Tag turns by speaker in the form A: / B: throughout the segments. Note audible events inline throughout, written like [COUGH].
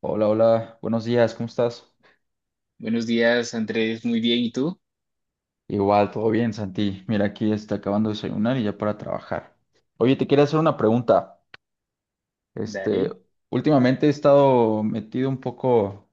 A: Hola, hola, buenos días, ¿cómo estás?
B: Buenos días, Andrés. Muy bien. ¿Y tú?
A: Igual, todo bien, Santi. Mira, aquí está acabando de desayunar y ya para trabajar. Oye, te quería hacer una pregunta. Este,
B: Dale.
A: últimamente he estado metido un poco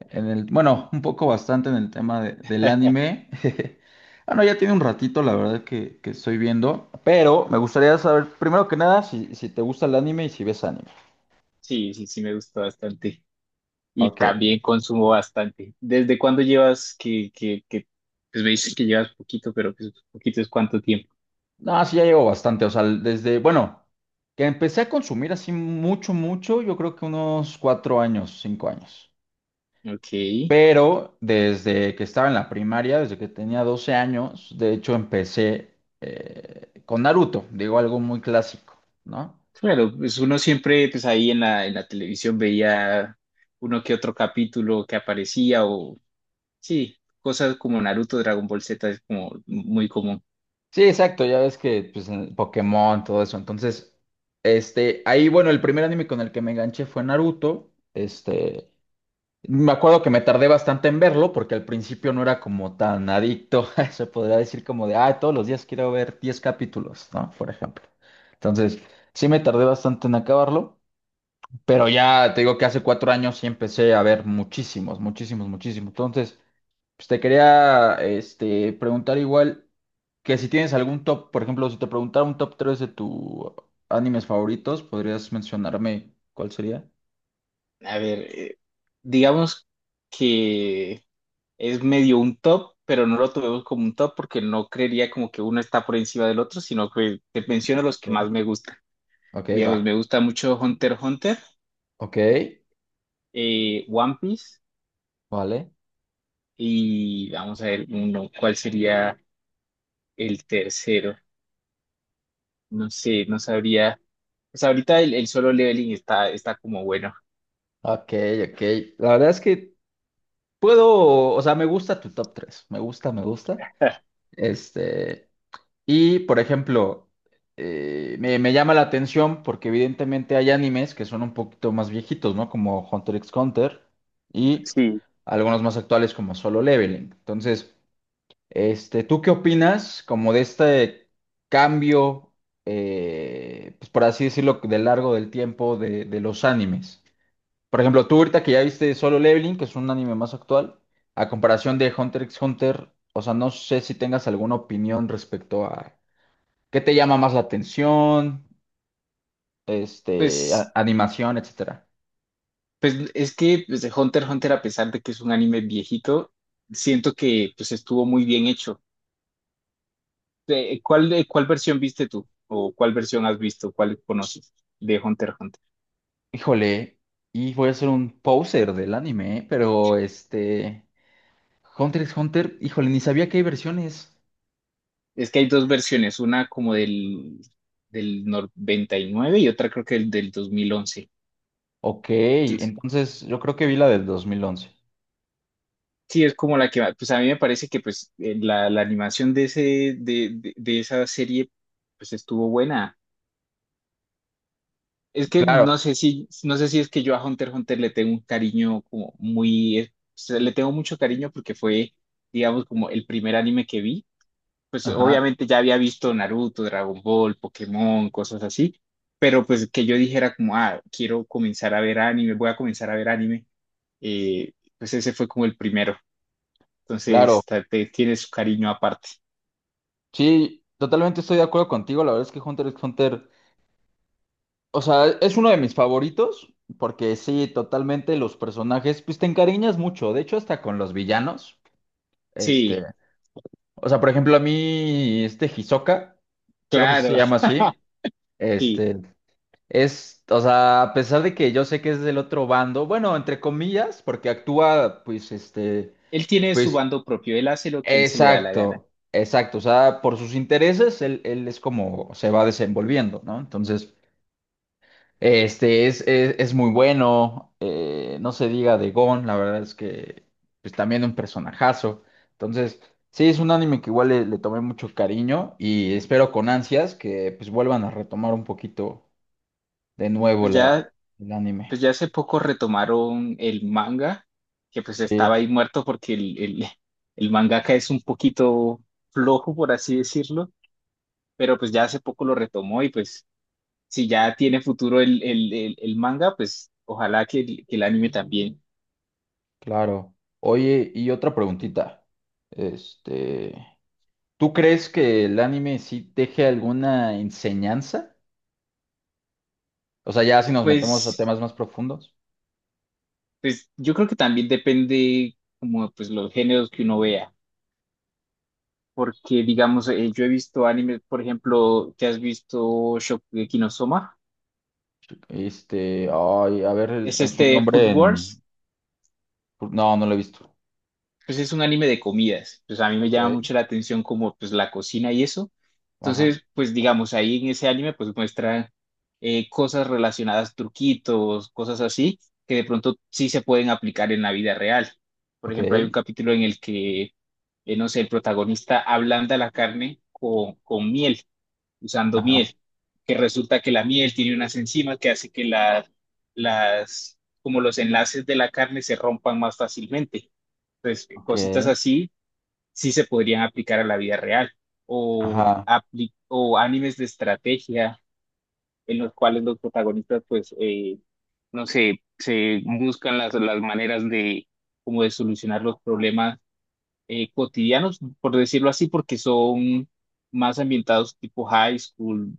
A: en bueno, un poco bastante en el tema del
B: [LAUGHS]
A: anime. [LAUGHS] Bueno, ya tiene un ratito, la verdad, que estoy viendo, pero me gustaría saber, primero que nada, si te gusta el anime y si ves anime.
B: Sí, me gustó bastante. Y
A: Ok.
B: también consumo bastante. ¿Desde cuándo llevas pues me dices que llevas poquito, pero pues poquito es cuánto tiempo?
A: No, sí, ya llevo bastante. O sea, desde, bueno, que empecé a consumir así mucho, mucho, yo creo que unos cuatro años, cinco años.
B: Ok.
A: Pero desde que estaba en la primaria, desde que tenía 12 años, de hecho empecé con Naruto, digo algo muy clásico, ¿no?
B: Claro, pues uno siempre, pues ahí en la televisión veía uno que otro capítulo que aparecía o, sí, cosas como Naruto, Dragon Ball Z es como muy común.
A: Sí, exacto, ya ves que, pues, el Pokémon, todo eso. Entonces, ahí, bueno, el primer anime con el que me enganché fue Naruto. Este. Me acuerdo que me tardé bastante en verlo porque al principio no era como tan adicto, [LAUGHS] se podría decir como de, ah, todos los días quiero ver 10 capítulos, ¿no? Por ejemplo. Entonces, sí me tardé bastante en acabarlo, pero ya te digo que hace cuatro años sí empecé a ver muchísimos, muchísimos, muchísimos. Entonces, pues te quería preguntar igual que si tienes algún top, por ejemplo, si te preguntara un top 3 de tus animes favoritos, ¿podrías mencionarme cuál sería?
B: A ver, digamos que... es medio un top, pero no lo tomemos como un top porque no creería como que uno está por encima del otro, sino que te menciono los que
A: Ok.
B: más me gustan.
A: Ok,
B: Digamos,
A: va.
B: me gusta mucho Hunter x Hunter,
A: Ok,
B: One Piece
A: vale.
B: y vamos a ver uno, ¿cuál sería el tercero? No sé, no sabría. Pues ahorita el solo leveling está como bueno.
A: Ok, ok. La verdad es que puedo, o sea, me gusta tu top 3. Me gusta, me gusta. Este, y por ejemplo, me llama la atención porque evidentemente hay animes que son un poquito más viejitos, ¿no? Como Hunter x Hunter y
B: Sí.
A: algunos más actuales como Solo Leveling. Entonces, ¿tú qué opinas como de este cambio, pues por así decirlo, de largo del tiempo de los animes? Por ejemplo, tú ahorita que ya viste Solo Leveling, que es un anime más actual, a comparación de Hunter x Hunter, o sea, no sé si tengas alguna opinión respecto a qué te llama más la atención,
B: Pues,
A: animación, etcétera.
B: pues es que pues, Hunter x Hunter, a pesar de que es un anime viejito, siento que pues estuvo muy bien hecho. ¿Cuál, cuál versión viste tú? ¿O cuál versión has visto? ¿Cuál conoces de Hunter x Hunter?
A: Híjole, y voy a ser un poser del anime, ¿eh? Pero Hunter x Hunter, híjole, ni sabía que hay versiones.
B: Es que hay dos versiones, una como del 99 y nueve y otra creo que el del 2011.
A: Ok,
B: que es-
A: entonces yo creo que vi la del 2011.
B: sí, es como la que, pues a mí me parece que pues la animación de, ese, de esa serie pues estuvo buena. Es que
A: Claro,
B: no sé si, no sé si es que yo a Hunter x Hunter le tengo un cariño como muy, o sea, le tengo mucho cariño porque fue, digamos, como el primer anime que vi, pues
A: ajá,
B: obviamente ya había visto Naruto, Dragon Ball, Pokémon, cosas así, pero pues que yo dijera como, ah, quiero comenzar a ver anime, voy a comenzar a ver anime, eh, pues ese fue como el primero.
A: claro.
B: Entonces tiene su cariño aparte.
A: Sí, totalmente estoy de acuerdo contigo. La verdad es que Hunter x Hunter, o sea, es uno de mis favoritos, porque sí, totalmente los personajes, pues te encariñas mucho, de hecho hasta con los villanos. Este,
B: Sí,
A: o sea, por ejemplo, a mí este Hisoka, creo que sí se
B: claro.
A: llama
B: [LAUGHS]
A: así,
B: Sí.
A: este, es, o sea, a pesar de que yo sé que es del otro bando, bueno, entre comillas, porque actúa, pues,
B: Él tiene su
A: pues,
B: bando propio, él hace lo que él se le da la gana.
A: exacto, exacto, o sea, por sus intereses, él es como se va desenvolviendo, ¿no? Entonces... es muy bueno, no se diga de Gon, la verdad es que pues también un personajazo. Entonces, sí, es un anime que igual le tomé mucho cariño y espero con ansias que pues vuelvan a retomar un poquito de nuevo
B: Pues ya,
A: el
B: pues
A: anime.
B: ya hace poco retomaron el manga, que pues estaba
A: Sí,
B: ahí muerto porque el mangaka es un poquito flojo, por así decirlo, pero pues ya hace poco lo retomó y pues si ya tiene futuro el manga, pues ojalá que, el anime también.
A: claro. Oye, y otra preguntita. Este, ¿Tú crees que el anime sí deje alguna enseñanza? O sea, ya si nos metemos a
B: Pues,
A: temas más profundos.
B: pues yo creo que también depende como pues los géneros que uno vea, porque digamos, yo he visto animes, por ejemplo, ¿te has visto Shokugeki no Soma?
A: Este, ay, a ver,
B: Es
A: es un
B: este Food
A: nombre en...
B: Wars.
A: No, no lo he visto.
B: Pues es un anime de comidas, pues a mí me
A: Ok.
B: llama mucho la atención como pues la cocina y eso.
A: Ajá.
B: Entonces, pues digamos, ahí en ese anime pues muestra cosas relacionadas, truquitos, cosas así, que de pronto sí se pueden aplicar en la vida real. Por
A: Ok.
B: ejemplo, hay un capítulo en el que, no sé, el protagonista ablanda la carne con miel usando
A: Ajá.
B: miel, que resulta que la miel tiene unas enzimas que hace que las, como los enlaces de la carne se rompan más fácilmente. Entonces,
A: Ok.
B: cositas así sí se podrían aplicar a la vida real o,
A: Ajá.
B: o animes de estrategia en los cuales los protagonistas, pues, no sé, se buscan las maneras de, como de solucionar los problemas cotidianos, por decirlo así, porque son más ambientados tipo high school,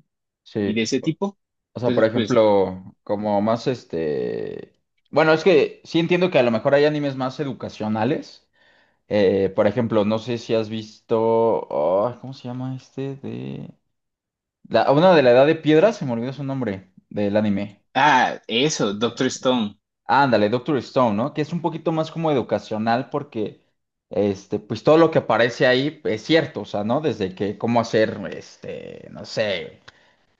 B: y de
A: Sí.
B: ese tipo.
A: O sea, por
B: Entonces, pues,
A: ejemplo, como más este... Bueno, es que sí entiendo que a lo mejor hay animes más educacionales. Por ejemplo, no sé si has visto... Oh, ¿cómo se llama este? De... La... Una de la Edad de Piedra, se me olvidó su nombre del anime.
B: ah, eso, Doctor Stone,
A: Ándale, Doctor Stone, ¿no? Que es un poquito más como educacional porque, pues todo lo que aparece ahí es cierto, o sea, ¿no? Desde que cómo hacer, no sé,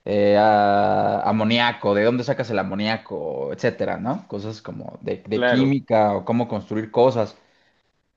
A: amoníaco, de dónde sacas el amoníaco, etcétera, ¿no? Cosas como de
B: claro.
A: química o cómo construir cosas.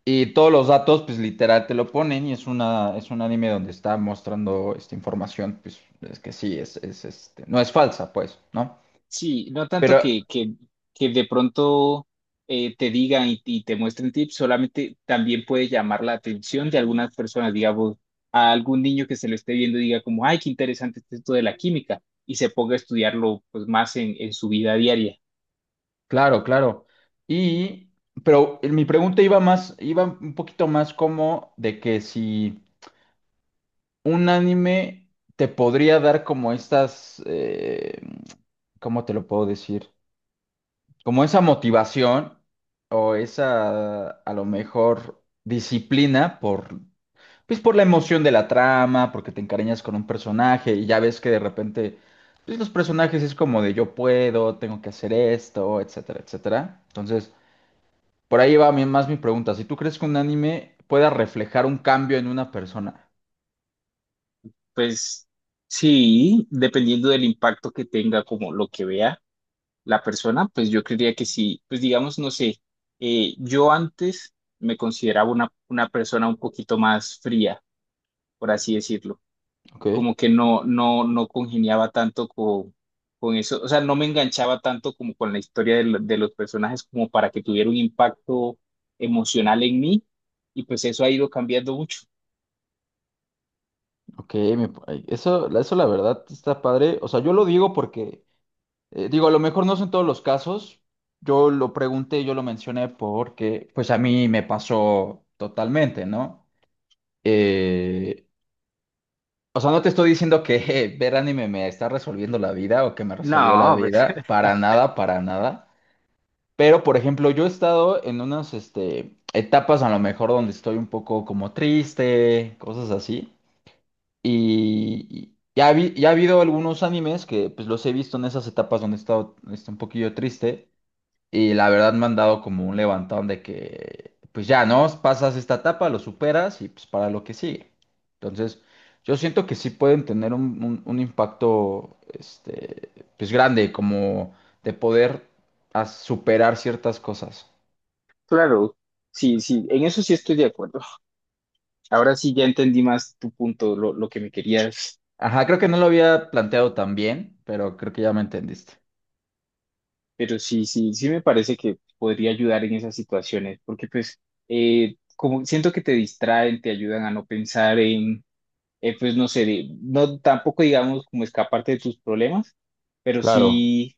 A: Y todos los datos, pues literal te lo ponen y es una, es un anime donde está mostrando esta información, pues es que sí, no es falsa, pues, ¿no?
B: Sí, no tanto
A: Pero
B: que de pronto te digan y te muestren tips, solamente también puede llamar la atención de algunas personas, digamos, a algún niño que se lo esté viendo y diga como, ay, qué interesante es esto de la química, y se ponga a estudiarlo pues más en su vida diaria.
A: claro, claro. Y, pero mi pregunta iba más, iba un poquito más como de que si un anime te podría dar como estas, ¿cómo te lo puedo decir? Como esa motivación o esa, a lo mejor, disciplina pues por la emoción de la trama, porque te encariñas con un personaje y ya ves que de repente, pues los personajes es como de yo puedo, tengo que hacer esto, etcétera, etcétera. Entonces... Por ahí va más mi pregunta. Si tú crees que un anime pueda reflejar un cambio en una persona.
B: Pues sí, dependiendo del impacto que tenga, como lo que vea la persona, pues yo creería que sí, pues digamos, no sé, yo antes me consideraba una persona un poquito más fría, por así decirlo,
A: Ok,
B: como que no congeniaba tanto con eso, o sea, no me enganchaba tanto como con la historia de, de los personajes como para que tuviera un impacto emocional en mí, y pues eso ha ido cambiando mucho.
A: ok, ay, eso, eso la verdad está padre. O sea, yo lo digo porque, digo, a lo mejor no son todos los casos. Yo lo pregunté, yo lo mencioné porque, pues a mí me pasó totalmente, ¿no? Eh, o sea, no te estoy diciendo que [LAUGHS] ver anime me está resolviendo la vida o que me resolvió la
B: No, pues
A: vida.
B: [LAUGHS]
A: Para nada, para nada. Pero, por ejemplo, yo he estado en unas, etapas a lo mejor donde estoy un poco como triste, cosas así. Ya ha habido algunos animes que pues los he visto en esas etapas donde he estado un poquillo triste. Y la verdad me han dado como un levantón de que, pues ya, ¿no? Pasas esta etapa, lo superas y pues para lo que sigue. Entonces, yo siento que sí pueden tener un impacto, pues grande, como de poder superar ciertas cosas.
B: claro, sí, sí, en eso sí estoy de acuerdo. Ahora sí ya entendí más tu punto, lo que me querías.
A: Ajá, creo que no lo había planteado tan bien, pero creo que ya me entendiste.
B: Pero sí, sí me parece que podría ayudar en esas situaciones, porque pues como siento que te distraen, te ayudan a no pensar en, pues no sé, no tampoco digamos como escaparte de tus problemas, pero
A: Claro,
B: sí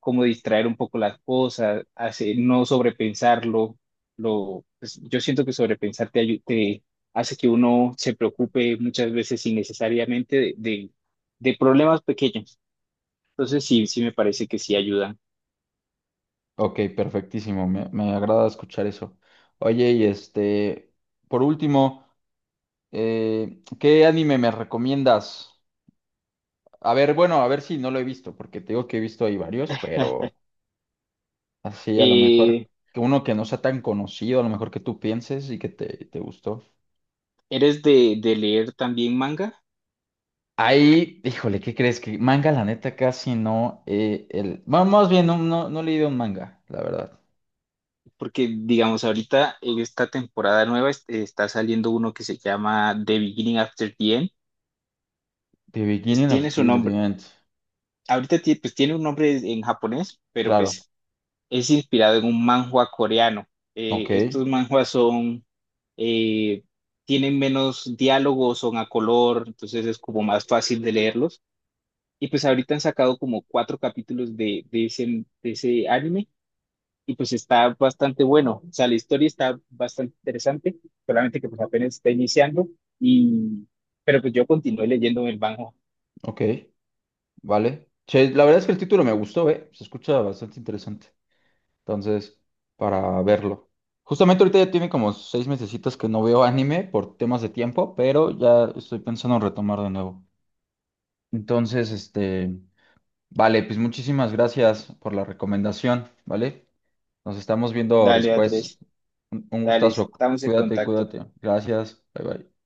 B: como distraer un poco las cosas, hace, no sobrepensarlo, lo, pues, yo siento que sobrepensar te, te hace que uno se preocupe muchas veces innecesariamente de problemas pequeños. Entonces sí, sí me parece que sí ayudan.
A: ok, perfectísimo. Me agrada escuchar eso. Oye, y por último, ¿qué anime me recomiendas? A ver, bueno, a ver si no lo he visto, porque te digo que he visto ahí varios, pero así a lo mejor
B: Eh,
A: que uno que no sea tan conocido, a lo mejor que tú pienses y que te gustó.
B: ¿Eres de leer también manga?
A: Ahí, híjole, ¿qué crees? Que manga, la neta, casi no. El... Bueno, más bien, no he leído un manga, la verdad.
B: Porque, digamos, ahorita en esta temporada nueva está saliendo uno que se llama The Beginning After the End.
A: The
B: Pues
A: Beginning of
B: tiene su
A: Till the
B: nombre,
A: End.
B: ahorita pues tiene un nombre en japonés, pero
A: Claro.
B: pues es inspirado en un manhwa coreano.
A: Ok,
B: Estos manhwas son, eh, tienen menos diálogos, son a color, entonces es como más fácil de leerlos. Y pues ahorita han sacado como cuatro capítulos de, de ese anime y pues está bastante bueno. O sea, la historia está bastante interesante, solamente que pues apenas está iniciando y pero pues yo continué leyendo el banjo.
A: ok, vale. Che, la verdad es que el título me gustó, ¿eh? Se escucha bastante interesante. Entonces, para verlo. Justamente ahorita ya tiene como seis mesecitos que no veo anime por temas de tiempo, pero ya estoy pensando en retomar de nuevo. Entonces, vale, pues muchísimas gracias por la recomendación, ¿vale? Nos estamos viendo
B: Dale,
A: después.
B: Andrés,
A: Un
B: dale,
A: gustazo.
B: estamos en
A: Cuídate,
B: contacto.
A: cuídate. Gracias. Bye bye.